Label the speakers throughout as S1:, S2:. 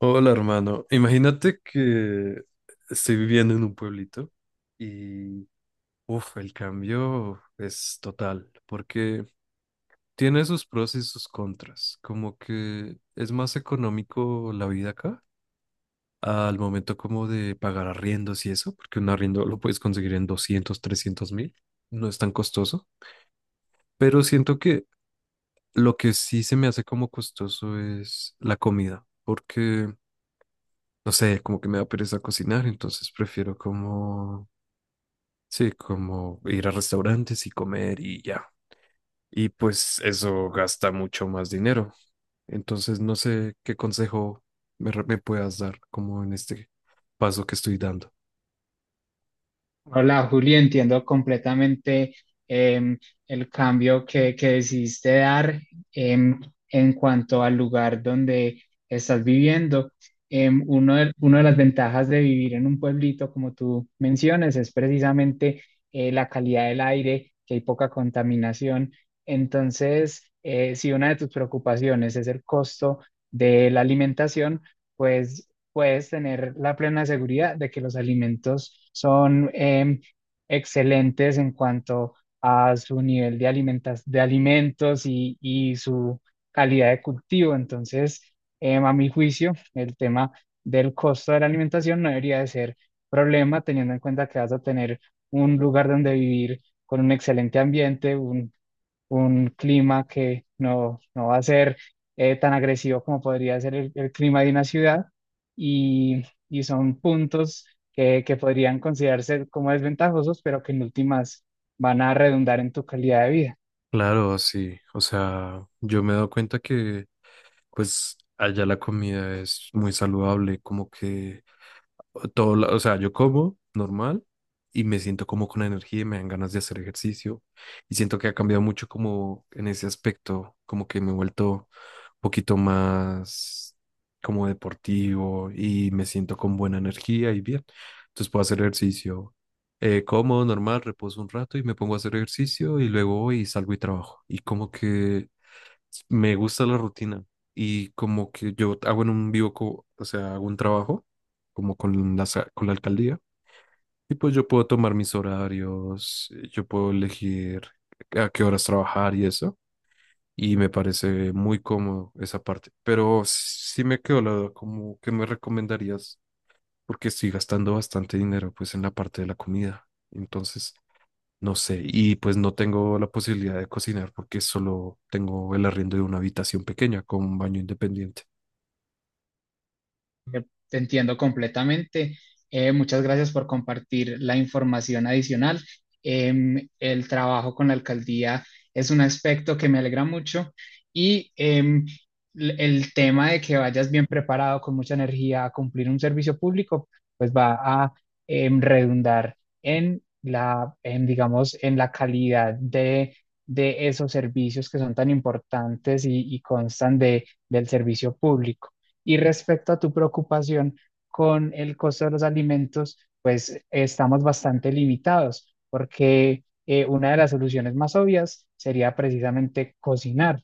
S1: Hola, hermano. Imagínate que estoy viviendo en un pueblito y, uff, el cambio es total, porque tiene sus pros y sus contras. Como que es más económico la vida acá al momento como de pagar arriendos y eso, porque un arriendo lo puedes conseguir en 200, 300 mil, no es tan costoso, pero siento que lo que sí se me hace como costoso es la comida, porque, no sé, como que me da pereza cocinar, entonces prefiero como, sí, como ir a restaurantes y comer y ya. Y pues eso gasta mucho más dinero. Entonces no sé qué consejo me puedas dar como en este paso que estoy dando.
S2: Hola, Julio, entiendo completamente em, el cambio que decidiste dar em, en cuanto al lugar donde estás viviendo. Una de las ventajas de vivir en un pueblito, como tú mencionas, es precisamente la calidad del aire, que hay poca contaminación. Entonces, si una de tus preocupaciones es el costo de la alimentación, pues puedes tener la plena seguridad de que los alimentos son excelentes en cuanto a su nivel de de alimentos y su calidad de cultivo. Entonces, a mi juicio, el tema del costo de la alimentación no debería de ser problema, teniendo en cuenta que vas a tener un lugar donde vivir con un excelente ambiente, un clima que no va a ser tan agresivo como podría ser el clima de una ciudad y, y son puntos que podrían considerarse como desventajosos, pero que en últimas van a redundar en tu calidad de vida.
S1: Claro, sí. O sea, yo me he dado cuenta que pues allá la comida es muy saludable, como que todo, o sea, yo como normal y me siento como con energía y me dan ganas de hacer ejercicio y siento que ha cambiado mucho como en ese aspecto, como que me he vuelto un poquito más como deportivo y me siento con buena energía y bien. Entonces puedo hacer ejercicio, como normal, reposo un rato y me pongo a hacer ejercicio y luego voy y salgo y trabajo. Y como que me gusta la rutina y como que yo hago en un vivo, o sea, hago un trabajo como con la alcaldía y pues yo puedo tomar mis horarios, yo puedo elegir a qué horas trabajar y eso y me parece muy cómodo esa parte. Pero sí me quedó la duda, como que me recomendarías porque estoy gastando bastante dinero pues en la parte de la comida. Entonces, no sé, y pues no tengo la posibilidad de cocinar porque solo tengo el arriendo de una habitación pequeña con un baño independiente.
S2: Eh, Te entiendo completamente. Muchas gracias por compartir la información adicional. El trabajo con la alcaldía es un aspecto que me alegra mucho y el tema de que vayas bien preparado, con mucha energía a cumplir un servicio público, pues va a redundar en la, digamos, en la calidad de esos servicios que son tan importantes y constan del servicio público. Y respecto a tu preocupación con el costo de los alimentos, pues estamos bastante limitados porque una de las soluciones más obvias sería precisamente cocinar.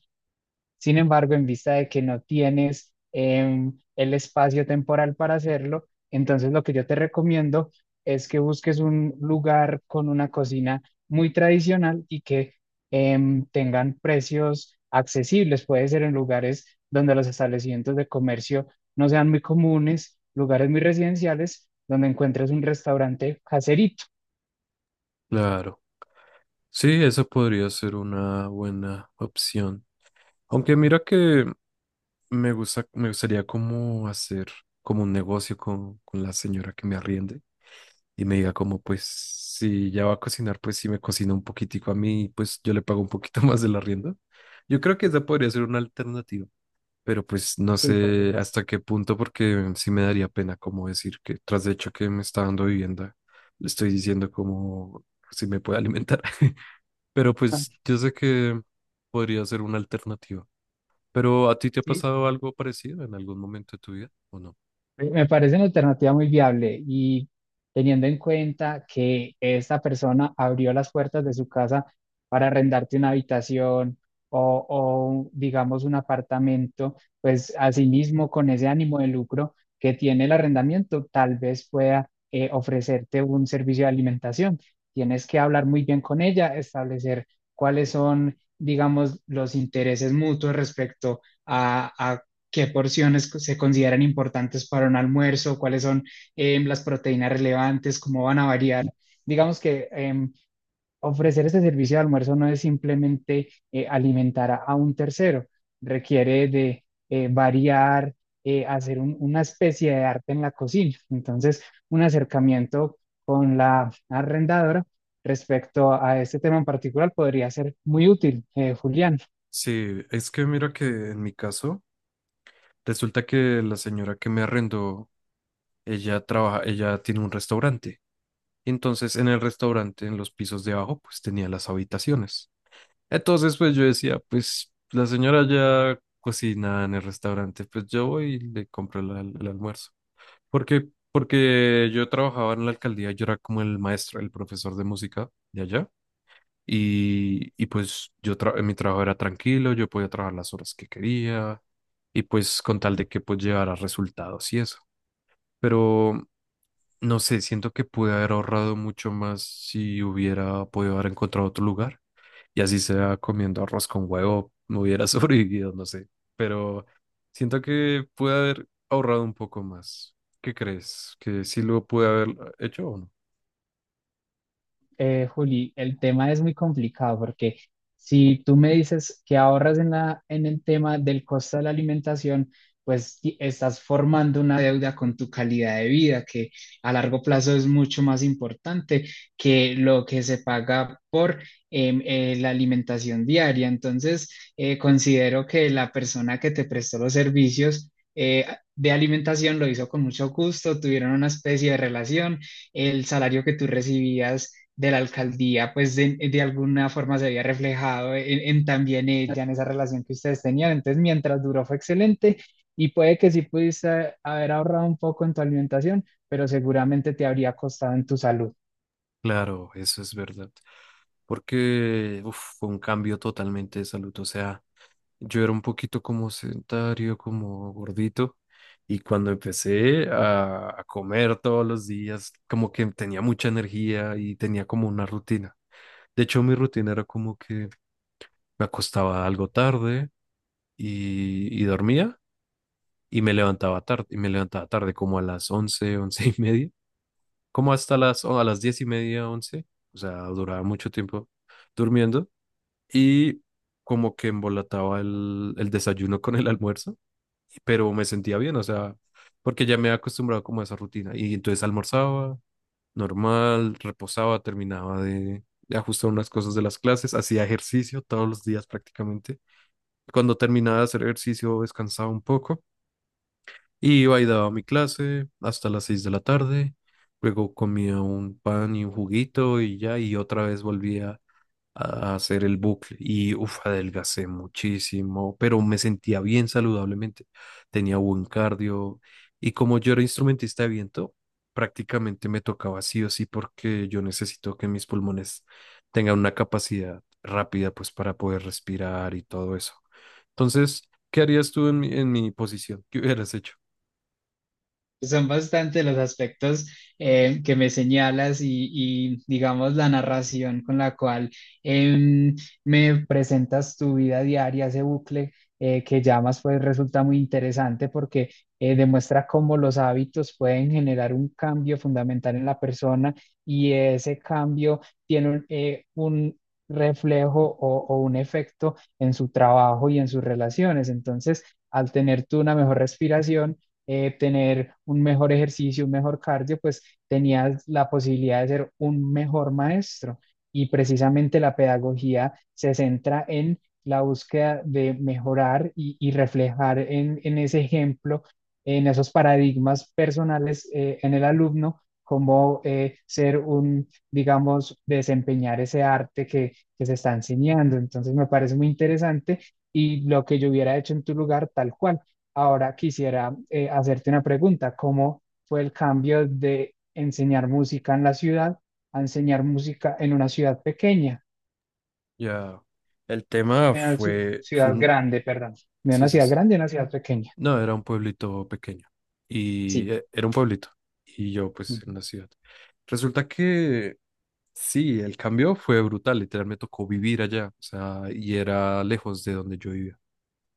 S2: Sin embargo, en vista de que no tienes el espacio temporal para hacerlo, entonces lo que yo te recomiendo es que busques un lugar con una cocina muy tradicional y que tengan precios accesibles. Puede ser en lugares donde los establecimientos de comercio no sean muy comunes, lugares muy residenciales, donde encuentres un restaurante caserito.
S1: Claro, sí, eso podría ser una buena opción. Aunque mira que me gusta, me gustaría como hacer como un negocio con la señora que me arriende y me diga como pues si ya va a cocinar, pues si me cocina un poquitico a mí, pues yo le pago un poquito más del arriendo. Yo creo que esa podría ser una alternativa. Pero pues no
S2: Sí, por
S1: sé
S2: supuesto.
S1: hasta qué punto, porque sí me daría pena como decir que tras de hecho que me está dando vivienda, le estoy diciendo como si me puede alimentar. Pero pues yo sé que podría ser una alternativa. ¿Pero a ti te ha
S2: ¿Sí?
S1: pasado algo parecido en algún momento de tu vida o no?
S2: Me parece una alternativa muy viable y teniendo en cuenta que esta persona abrió las puertas de su casa para arrendarte una habitación o, digamos, un apartamento, pues asimismo con ese ánimo de lucro que tiene el arrendamiento, tal vez pueda ofrecerte un servicio de alimentación. Tienes que hablar muy bien con ella, establecer cuáles son, digamos, los intereses mutuos respecto a qué porciones se consideran importantes para un almuerzo, cuáles son las proteínas relevantes, cómo van a variar. Digamos que ofrecer este servicio de almuerzo no es simplemente alimentar a un tercero, requiere de variar, hacer una especie de arte en la cocina. Entonces, un acercamiento con la arrendadora respecto a este tema en particular podría ser muy útil, Julián.
S1: Sí, es que mira que en mi caso, resulta que la señora que me arrendó, ella trabaja, ella tiene un restaurante. Entonces, en el restaurante, en los pisos de abajo, pues tenía las habitaciones. Entonces, pues yo decía, pues la señora ya cocina en el restaurante, pues yo voy y le compro el, el almuerzo. Porque, porque yo trabajaba en la alcaldía, yo era como el maestro, el profesor de música de allá. Y pues yo mi trabajo era tranquilo, yo podía trabajar las horas que quería y pues con tal de que pues llevara resultados y eso. Pero no sé, siento que pude haber ahorrado mucho más si hubiera podido haber encontrado otro lugar. Y así sea comiendo arroz con huevo, me hubiera sobrevivido, no sé. Pero siento que pude haber ahorrado un poco más. ¿Qué crees? ¿Que sí lo pude haber hecho o no?
S2: Juli, el tema es muy complicado porque si tú me dices que ahorras en en el tema del costo de la alimentación, pues estás formando una deuda con tu calidad de vida, que a largo plazo es mucho más importante que lo que se paga por la alimentación diaria. Entonces, considero que la persona que te prestó los servicios eh, de alimentación lo hizo con mucho gusto, tuvieron una especie de relación, el salario que tú recibías de la alcaldía, pues de alguna forma se había reflejado en, también ella, en esa relación que ustedes tenían. Entonces, mientras duró fue excelente y puede que sí pudiste haber ahorrado un poco en tu alimentación, pero seguramente te habría costado en tu salud.
S1: Claro, eso es verdad. Porque uf, fue un cambio totalmente de salud. O sea, yo era un poquito como sedentario, como gordito, y cuando empecé a comer todos los días, como que tenía mucha energía y tenía como una rutina. De hecho, mi rutina era como que me acostaba algo tarde y dormía y me levantaba tarde, y me levantaba tarde como a las 11, 11:30, como hasta las, o a las 10:30, once. O sea, duraba mucho tiempo durmiendo y como que embolataba el desayuno con el almuerzo, pero me sentía bien, o sea, porque ya me había acostumbrado como a esa rutina. Y entonces almorzaba normal, reposaba, terminaba de ajustar unas cosas de las clases, hacía ejercicio todos los días prácticamente. Cuando terminaba de hacer ejercicio, descansaba un poco y iba y daba mi clase hasta las 6 de la tarde. Luego comía un pan y un juguito y ya, y otra vez volvía a hacer el bucle y uf, adelgacé muchísimo, pero me sentía bien saludablemente, tenía buen cardio y como yo era instrumentista de viento, prácticamente me tocaba sí o sí porque yo necesito que mis pulmones tengan una capacidad rápida pues para poder respirar y todo eso. Entonces, ¿qué harías tú en en mi posición? ¿Qué hubieras hecho?
S2: Son bastante los aspectos que me señalas y, digamos, la narración con la cual em, me presentas tu vida diaria, ese bucle que llamas, pues resulta muy interesante porque demuestra cómo los hábitos pueden generar un cambio fundamental en la persona y ese cambio tiene un reflejo o un efecto en su trabajo y en sus relaciones. Entonces, al tener tú una mejor respiración, tener un mejor ejercicio, un mejor cardio, pues tenías la posibilidad de ser un mejor maestro. Y precisamente la pedagogía se centra en la búsqueda de mejorar y reflejar en ese ejemplo, en esos paradigmas personales, en el alumno, cómo ser un, digamos, desempeñar ese arte que se está enseñando. Entonces me parece muy interesante, y lo que yo hubiera hecho en tu lugar, tal cual. Ahora quisiera hacerte una pregunta. ¿Cómo fue el cambio de enseñar música en la ciudad a enseñar música en una ciudad pequeña?
S1: Ya, el tema
S2: En una
S1: fue
S2: ciudad
S1: un.
S2: grande, perdón. De
S1: Sí,
S2: una
S1: sí,
S2: ciudad
S1: sí.
S2: grande a una ciudad pequeña.
S1: No, era un pueblito pequeño y
S2: Sí.
S1: era un pueblito y yo pues
S2: Ujú.
S1: en una ciudad. Resulta que sí, el cambio fue brutal, literal me tocó vivir allá, o sea, y era lejos de donde yo vivía.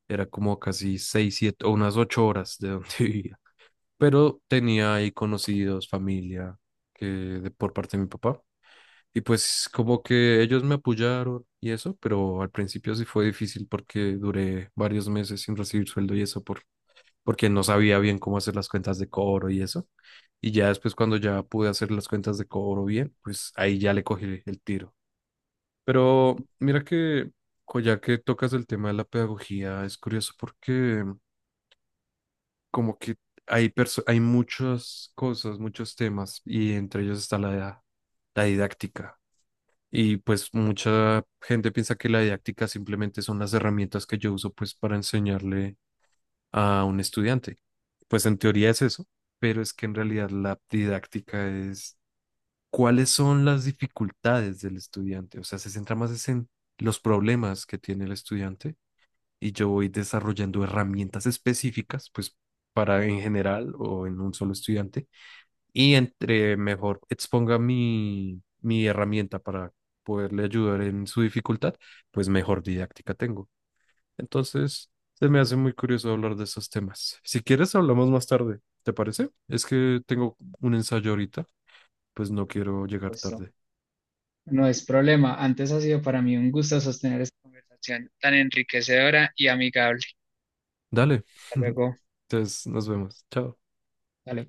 S1: Era como casi 6, 7 o unas 8 horas de donde vivía. Pero tenía ahí conocidos, familia, que de, por parte de mi papá. Y pues como que ellos me apoyaron y eso, pero al principio sí fue difícil porque duré varios meses sin recibir sueldo y eso por, porque no sabía bien cómo hacer las cuentas de cobro y eso. Y ya después cuando ya pude hacer las cuentas de cobro bien, pues ahí ya le cogí el tiro. Pero mira que, ya que tocas el tema de la pedagogía, es curioso porque como que hay muchas cosas, muchos temas y entre ellos está la didáctica. Y pues mucha gente piensa que la didáctica simplemente son las herramientas que yo uso pues para enseñarle a un estudiante. Pues en teoría es eso, pero es que en realidad la didáctica es cuáles son las dificultades del estudiante. O sea, se centra más es en los problemas que tiene el estudiante y yo voy desarrollando herramientas específicas pues para en general o en un solo estudiante y entre mejor exponga mi herramienta para poderle ayudar en su dificultad, pues mejor didáctica tengo. Entonces, se me hace muy curioso hablar de esos temas. Si quieres, hablamos más tarde, ¿te parece? Es que tengo un ensayo ahorita, pues no quiero llegar
S2: Pues no
S1: tarde.
S2: no es problema. Antes ha sido para mí un gusto sostener esta conversación tan enriquecedora y amigable.
S1: Dale,
S2: Hasta luego.
S1: entonces nos vemos. Chao.
S2: Dale.